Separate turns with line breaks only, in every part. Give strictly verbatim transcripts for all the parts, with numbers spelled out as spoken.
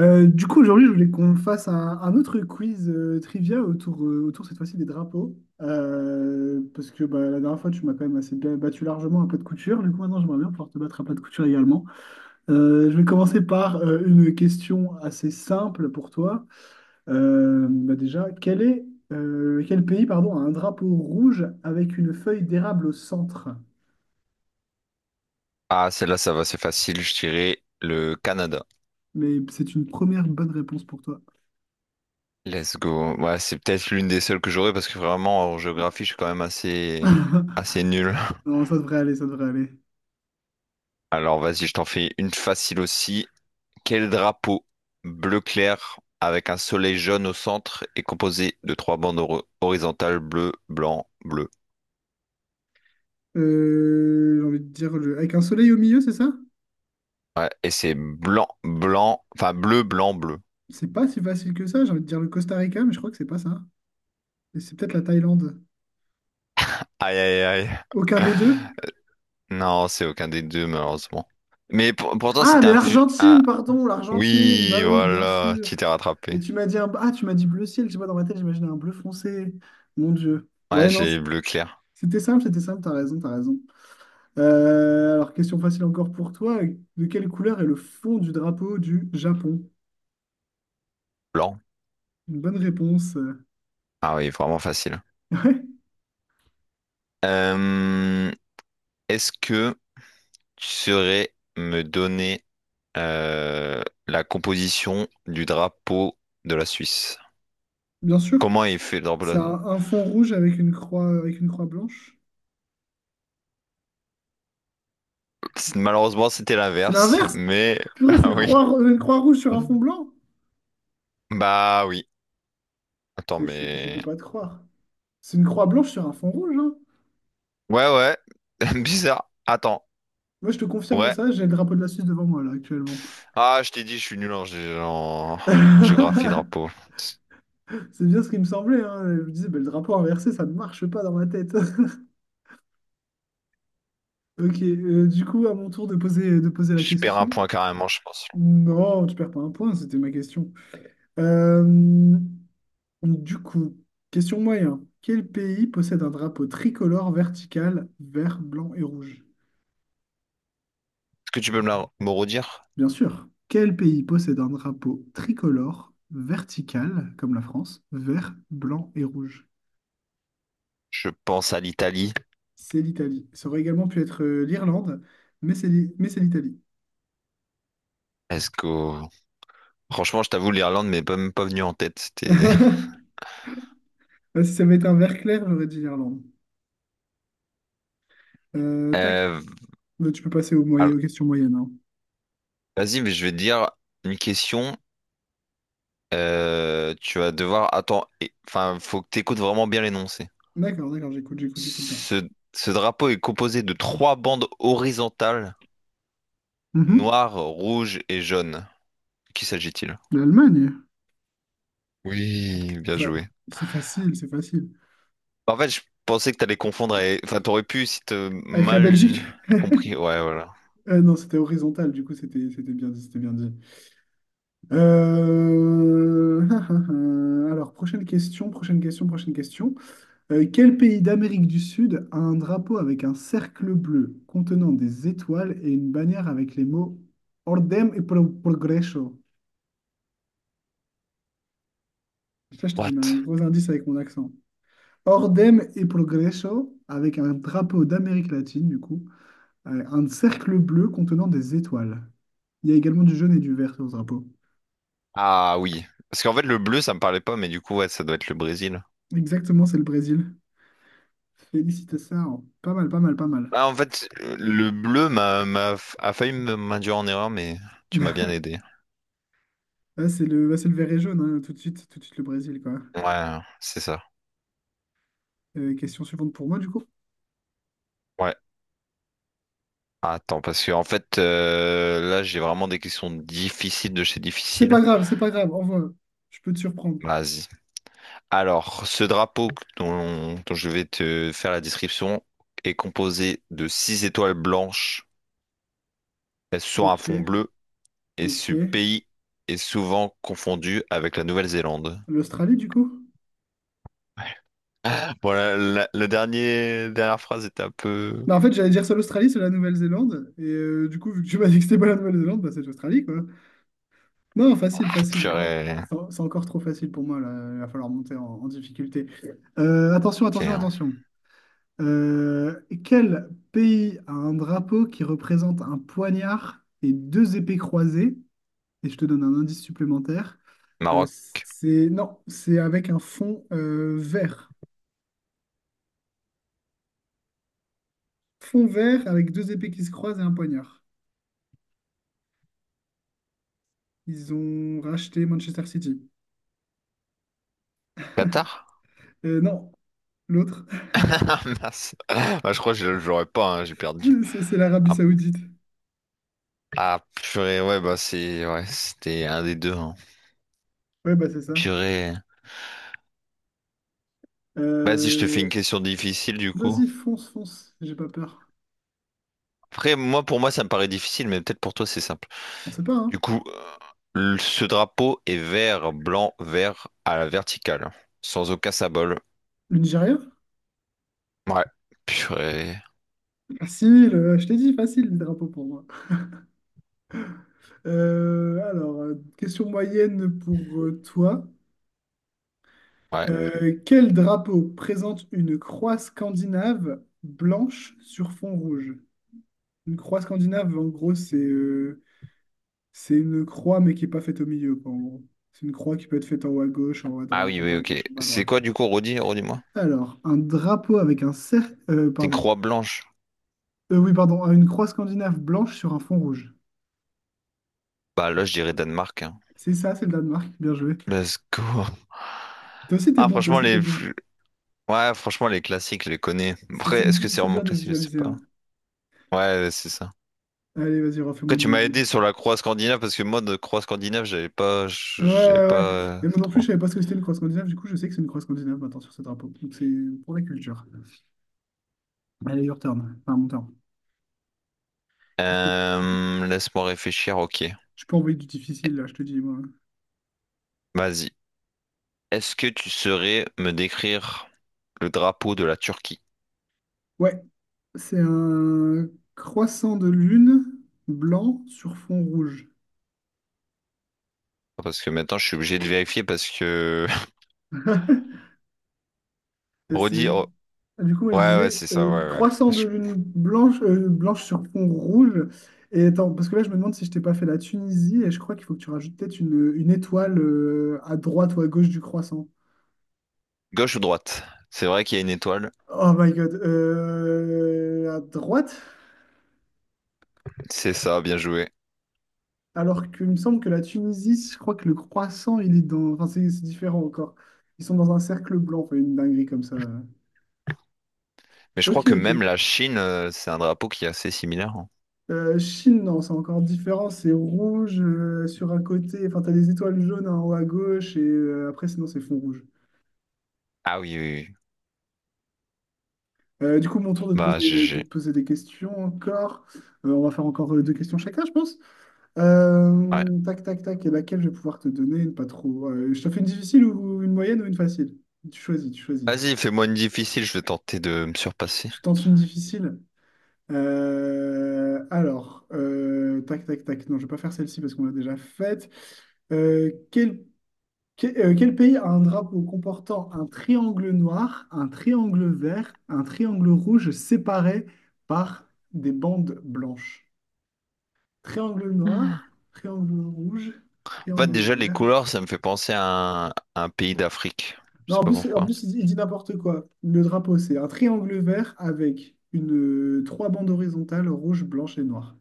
Euh, du coup, aujourd'hui, je voulais qu'on fasse un, un autre quiz euh, trivia autour, euh, autour cette fois-ci des drapeaux. Euh, parce que bah, la dernière fois, tu m'as quand même assez bien battu largement à plat de couture. Du coup, maintenant, j'aimerais bien pouvoir te battre à plat de couture également. Euh, je vais commencer par euh, une question assez simple pour toi. Euh, bah, déjà, quel est, euh, quel pays, pardon, a un drapeau rouge avec une feuille d'érable au centre?
Ah, celle-là, ça va, c'est facile, je dirais le Canada.
Mais c'est une première bonne réponse pour toi.
Let's go. Ouais, c'est peut-être l'une des seules que j'aurais parce que vraiment, en géographie, je suis quand même assez, assez nul.
Non, ça devrait aller, ça devrait aller.
Alors, vas-y, je t'en fais une facile aussi. Quel drapeau bleu clair avec un soleil jaune au centre est composé de trois bandes hor- horizontales bleu, blanc, bleu?
Euh, j'ai envie de dire le, avec un soleil au milieu, c'est ça?
Ouais, et c'est blanc, blanc, enfin bleu, blanc, bleu.
C'est pas si facile que ça. J'ai envie de dire le Costa Rica, mais je crois que c'est pas ça. Et c'est peut-être la Thaïlande.
Aïe, aïe, aïe.
Aucun des deux?
Non, c'est aucun des deux, malheureusement. Mais pour- pourtant,
Ah,
c'était
mais
un, fu- un...
l'Argentine, pardon, l'Argentine.
Oui,
Bah oui, bien
voilà,
sûr.
tu t'es
Mais
rattrapé.
tu m'as dit un... ah, tu m'as dit bleu ciel. Je sais pas, dans ma tête, j'imaginais un bleu foncé. Mon Dieu.
Ouais,
Ouais, non,
j'ai bleu clair,
c'était simple, c'était simple. T'as raison, t'as raison. Euh, alors, question facile encore pour toi. De quelle couleur est le fond du drapeau du Japon?
blanc.
Une bonne réponse.
Ah oui, vraiment facile.
Ouais,
Euh, Est-ce que tu saurais me donner euh, la composition du drapeau de la Suisse?
bien sûr.
Comment il fait le drapeau de
C'est
la
un, un fond rouge avec une croix, avec une croix blanche.
Suisse? Malheureusement, c'était
C'est
l'inverse,
l'inverse.
mais...
Purée, c'est
Ah
une
oui.
croix, ro- une croix rouge sur un fond blanc.
Bah oui. Attends,
Mais je, je peux
mais...
pas te croire. C'est une croix blanche sur un fond rouge, hein.
Ouais, ouais. Bizarre. Attends.
Moi, je te confirme
Ouais.
ça, j'ai le drapeau de la Suisse devant moi, là, actuellement.
Ah, je t'ai dit, je suis nul en, gé- en... en géographie drapeau.
C'est bien ce qui me semblait, hein. Je me disais, bah, le drapeau inversé, ça ne marche pas dans ma tête. Ok, euh, du coup, à mon tour de poser, de poser la
Je perds un
question.
point carrément, je pense. Est-ce
Non, tu perds pas un point, c'était ma question. Euh, Du coup, question moyen. Quel pays possède un drapeau tricolore vertical vert, blanc et rouge?
que tu peux me, la- me redire?
Bien sûr. Quel pays possède un drapeau tricolore vertical, comme la France, vert, blanc et rouge?
Je pense à l'Italie.
C'est l'Italie. Ça aurait également pu être euh, l'Irlande, mais c'est l'I- mais c'est l'Italie.
Est-ce que... Franchement, je t'avoue, l'Irlande m'est pas- même pas venue en tête. C'était...
Si ça avait été un vert clair, j'aurais dit l'Irlande. Euh, tac,
Euh,
Mais tu peux passer aux
alors,
moyen- aux questions moyennes, hein.
vas-y, mais je vais te dire une question. Euh, tu vas devoir... Attends, et- enfin, faut que tu écoutes vraiment bien l'énoncé.
D'accord, d'accord, j'écoute, j'écoute, j'écoute bien.
Ce... ce drapeau est composé de trois bandes horizontales,
Mhm.
noires, rouges et jaunes. De qui s'agit-il?
L'Allemagne.
Oui, bien
Fa-
joué.
c'est facile, c'est facile.
Bah, en fait, je pensais que t'allais confondre avec... Enfin, t'aurais pu si t'as
Avec la Belgique.
mal compris. Ouais, voilà.
Ah non, c'était horizontal, du coup, c'était c'était bien dit, c'était bien dit. Euh, Alors, prochaine question, prochaine question, prochaine question. Euh, quel pays d'Amérique du Sud a un drapeau avec un cercle bleu contenant des étoiles et une bannière avec les mots Ordem et pro- Progreso? Ça, je te donne un
What?
gros indice avec mon accent. Ordem et Progreso, avec un drapeau d'Amérique latine, du coup, euh, un cercle bleu contenant des étoiles. Il y a également du jaune et du vert sur le drapeau.
Ah oui. Parce qu'en fait, le bleu, ça me parlait pas, mais du coup, ouais, ça doit être le Brésil.
Exactement, c'est le Brésil. Félicitations. Pas mal, pas mal, pas mal.
Ah, en fait, le bleu m'a, m'a, a failli me- m'induire en erreur, mais tu m'as bien aidé.
Ah, c'est le, bah, c'est le vert et jaune, hein, tout de suite, tout de suite le Brésil, quoi.
Ouais, c'est ça.
Euh, question suivante pour moi, du coup.
Ouais. Attends, parce que en fait, euh, là, j'ai vraiment des questions difficiles de chez
C'est
difficiles.
pas grave, c'est pas grave, envoie. Je peux te surprendre.
Vas-y. Alors, ce drapeau dont, dont je vais te faire la description est composé de six étoiles blanches sur un
Ok,
fond bleu et ce
ok.
pays est souvent confondu avec la Nouvelle-Zélande.
L'Australie, du coup?
Voilà, la, la dernier- dernière dernière phrase était un peu...
Bah, en fait, j'allais dire soit l'Australie, soit la Nouvelle-Zélande. Et euh, du coup, vu que tu m'as dit que c'était pas la Nouvelle-Zélande, bah, c'est l'Australie, quoi. Non, facile, facile. Oh,
Purée.
c'est c'est encore trop facile pour moi, là. Il va falloir monter en, en difficulté. Euh, attention, attention,
Ok.
attention. Euh, Quel pays a un drapeau qui représente un poignard et deux épées croisées? Et je te donne un indice supplémentaire. Euh,
Maroc,
c'est Non, c'est avec un fond euh, vert. Fond vert avec deux épées qui se croisent et un poignard. Ils ont racheté Manchester City.
Qatar?
Euh, non, l'autre,
Ah, mince. Bah, je crois que je je l'aurais pas, hein, j'ai perdu.
c'est c'est l'Arabie
Ah,
Saoudite.
ah, purée, ouais, bah c'est... Ouais, c'était un des deux, hein.
Ouais, bah c'est ça.
Purée. Vas-y, je te fais une
Euh,
question difficile, du coup.
Vas-y, fonce, fonce. J'ai pas peur.
Après, moi, pour moi, ça me paraît difficile, mais peut-être pour toi, c'est simple.
On sait pas, hein.
Du coup, euh, ce drapeau est vert, blanc, vert à la verticale, sans aucun symbole.
Le Nigeria?
Ouais, purée.
Facile, euh, je t'ai dit, facile le drapeau pour moi. Euh, alors, euh, question moyenne pour euh, toi.
Ouais.
Euh, quel drapeau présente une croix scandinave blanche sur fond rouge? Une croix scandinave, en gros, c'est euh, c'est une croix, mais qui n'est pas faite au milieu, quoi, en gros. C'est une croix qui peut être faite en haut à gauche, en haut à
Ah
droite, en
oui,
bas
oui,
à
ok.
gauche, en bas à
C'est
droite.
quoi du coup, redis, redis-moi?
Alors, un drapeau avec un cercle, euh,
C'est une
pardon.
croix blanche.
Euh, oui, pardon, une croix scandinave blanche sur un fond rouge.
Bah là, je dirais Danemark, hein.
C'est ça, c'est le Danemark. Bien joué.
Let's go.
Toi aussi, t'es
Ah,
bon, toi
franchement,
aussi, t'es
les...
bon.
plus... Ouais, franchement, les classiques, je les connais.
C'est
Après,
c'est
est-ce que
du-
c'est
c'est
vraiment
dur de
classique? Je sais
visualiser,
pas.
hein.
Ouais, c'est ça.
Allez, vas-y, refais-moi
Après,
une...
tu m'as aidé
une-
sur la croix scandinave, parce que moi, de croix scandinave, j'avais pas...
Ouais,
J'avais
ouais,
pas
ouais.
euh,
Mais moi non plus,
trop.
je savais pas ce que c'était une croix scandinave. Du coup, je sais que c'est une croix scandinave maintenant sur ce drapeau. Donc, c'est pour la culture. Allez, your turn. Enfin, mon turn. Qu'est-ce que.
Euh, Laisse-moi réfléchir, ok.
Je peux envoyer du difficile, là, je te dis, moi.
Vas-y. Est-ce que tu saurais me décrire le drapeau de la Turquie?
Ouais, c'est un croissant de lune blanc sur fond rouge.
Parce que maintenant, je suis obligé de vérifier parce que...
Et
Redis...
c'est-.
oh,
Du coup, moi, je
ouais, ouais,
disais
c'est ça,
euh,
ouais, ouais.
croissant de
Je...
lune blanche, euh, blanche sur fond rouge. Et attends, parce que là, je me demande si je t'ai pas fait la Tunisie. Et je crois qu'il faut que tu rajoutes peut-être une, une étoile euh, à droite ou à gauche du croissant.
Gauche ou droite? C'est vrai qu'il y a une étoile.
Oh my God. Euh, à droite,
C'est ça, bien joué.
alors qu'il me semble que la Tunisie, je crois que le croissant, il est dans. Enfin, c'est c'est différent encore. Ils sont dans un cercle blanc, enfin, une dinguerie comme ça.
Mais je
Ok,
crois que même
ok.
la Chine, euh, c'est un drapeau qui est assez similaire, hein.
Euh, Chine, non, c'est encore différent. C'est rouge euh, sur un côté. Enfin, t'as des étoiles jaunes en haut à gauche et euh, après, sinon, c'est fond rouge.
Ah oui, oui, oui.
Euh, du coup, mon tour de te
Bah,
poser, de te
G G.
poser des questions encore. Euh, on va faire encore euh, deux questions chacun, je pense.
Ouais.
Euh, tac, tac, tac. Et laquelle je vais pouvoir te donner? Une pas trop. Euh, je te fais une difficile ou une moyenne ou une facile? Tu choisis, tu choisis.
Vas-y, fais-moi une difficile, je vais tenter de me surpasser.
Je tente une difficile. Euh, alors, euh, tac, tac, tac. Non, je vais pas faire celle-ci parce qu'on l'a déjà faite. Euh, quel, que- euh, Quel pays a un drapeau comportant un triangle noir, un triangle vert, un triangle rouge séparés par des bandes blanches? Triangle noir, triangle rouge,
En fait,
triangle
déjà, les
vert.
couleurs, ça me fait penser à un, à un pays d'Afrique. Je
Non,
sais
en
pas
plus, en
pourquoi.
plus, il dit il dit n'importe quoi. Le drapeau, c'est un triangle vert avec une, euh, trois bandes horizontales, rouge, blanche et noire.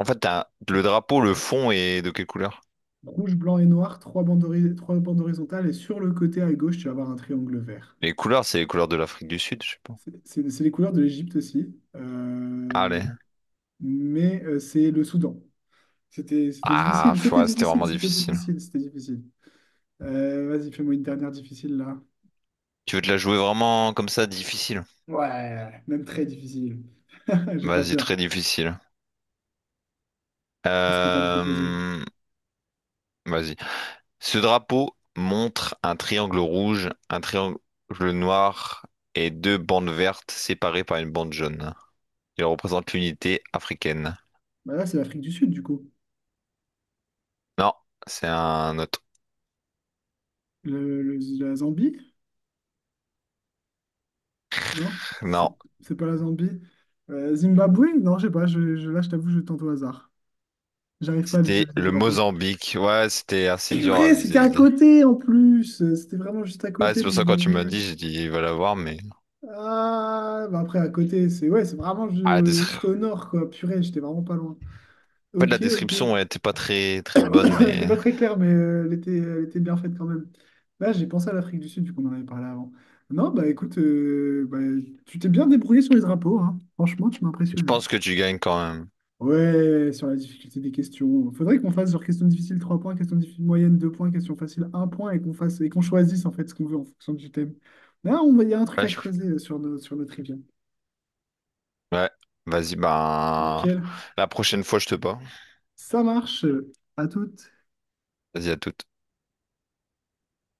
En fait, t'as- le drapeau, le fond est de quelle couleur?
Rouge, blanc et noir, trois bandes, hori- trois bandes horizontales, et sur le côté à gauche, tu vas avoir un triangle vert.
Les couleurs, c'est les couleurs de l'Afrique du Sud, je sais pas.
C'est c'est- c'est les couleurs de l'Égypte aussi, euh,
Allez.
mais euh, c'est le Soudan. C'était c'était
Ah,
difficile,
pff,
c'était
ouais, c'était
difficile,
vraiment
c'était
difficile.
difficile, c'était difficile. Euh, vas-y, fais-moi une dernière difficile là.
Tu veux te la jouer vraiment comme ça, difficile?
Ouais, même très difficile. J'ai pas
Vas-y,
peur.
très difficile.
Qu'est-ce que tu as me proposé?
Euh, Vas-y. Ce drapeau montre un triangle rouge, un triangle noir et deux bandes vertes séparées par une bande jaune. Il représente l'unité africaine.
Bah là, c'est l'Afrique du Sud, du coup.
Non, c'est un autre.
Le, le- la Zambie? Non? C'est
Non,
c'est pas la Zambie. Euh, Zimbabwe? Non, je sais pas. Je, je- là, je t'avoue, je tente au hasard. J'arrive pas à
c'était
visualiser le
le
drapeau.
Mozambique. Ouais, c'était assez dur à
Purée, c'était à
visualiser.
côté en plus. Euh, C'était vraiment juste à
Ouais,
côté
c'est
de
pour ça que quand tu m'as dit,
Mozambique.
j'ai dit, il va l'avoir, mais...
Ah, bah après, à côté, c'est ouais, c'est vraiment
Ah,
ju-
des...
juste au nord, quoi. Purée, j'étais vraiment pas loin.
En fait, la
Ok, ok.
description ouais, était pas très très bonne,
Elle était
mais
pas très claire, mais euh, elle était, elle était bien faite quand même. Là, j'ai pensé à l'Afrique du Sud, vu qu'on en avait parlé avant. Non, bah écoute, euh, bah, tu t'es bien débrouillé sur les drapeaux, hein. Franchement, tu m'as
je
impressionné.
pense que tu gagnes quand même.
Ouais, sur la difficulté des questions. Faudrait qu'on fasse genre question difficile trois points, question difficile moyenne deux points, question facile un point et qu'on fasse et qu'on choisisse en fait ce qu'on veut en fonction du thème. Là, on, il y a un truc
Ouais,
à
je-
creuser sur, nos- sur notre trivia.
ouais. Vas-y, ben
Nickel.
la prochaine fois je te bats.
Ça marche. À toutes.
Vas-y à toute.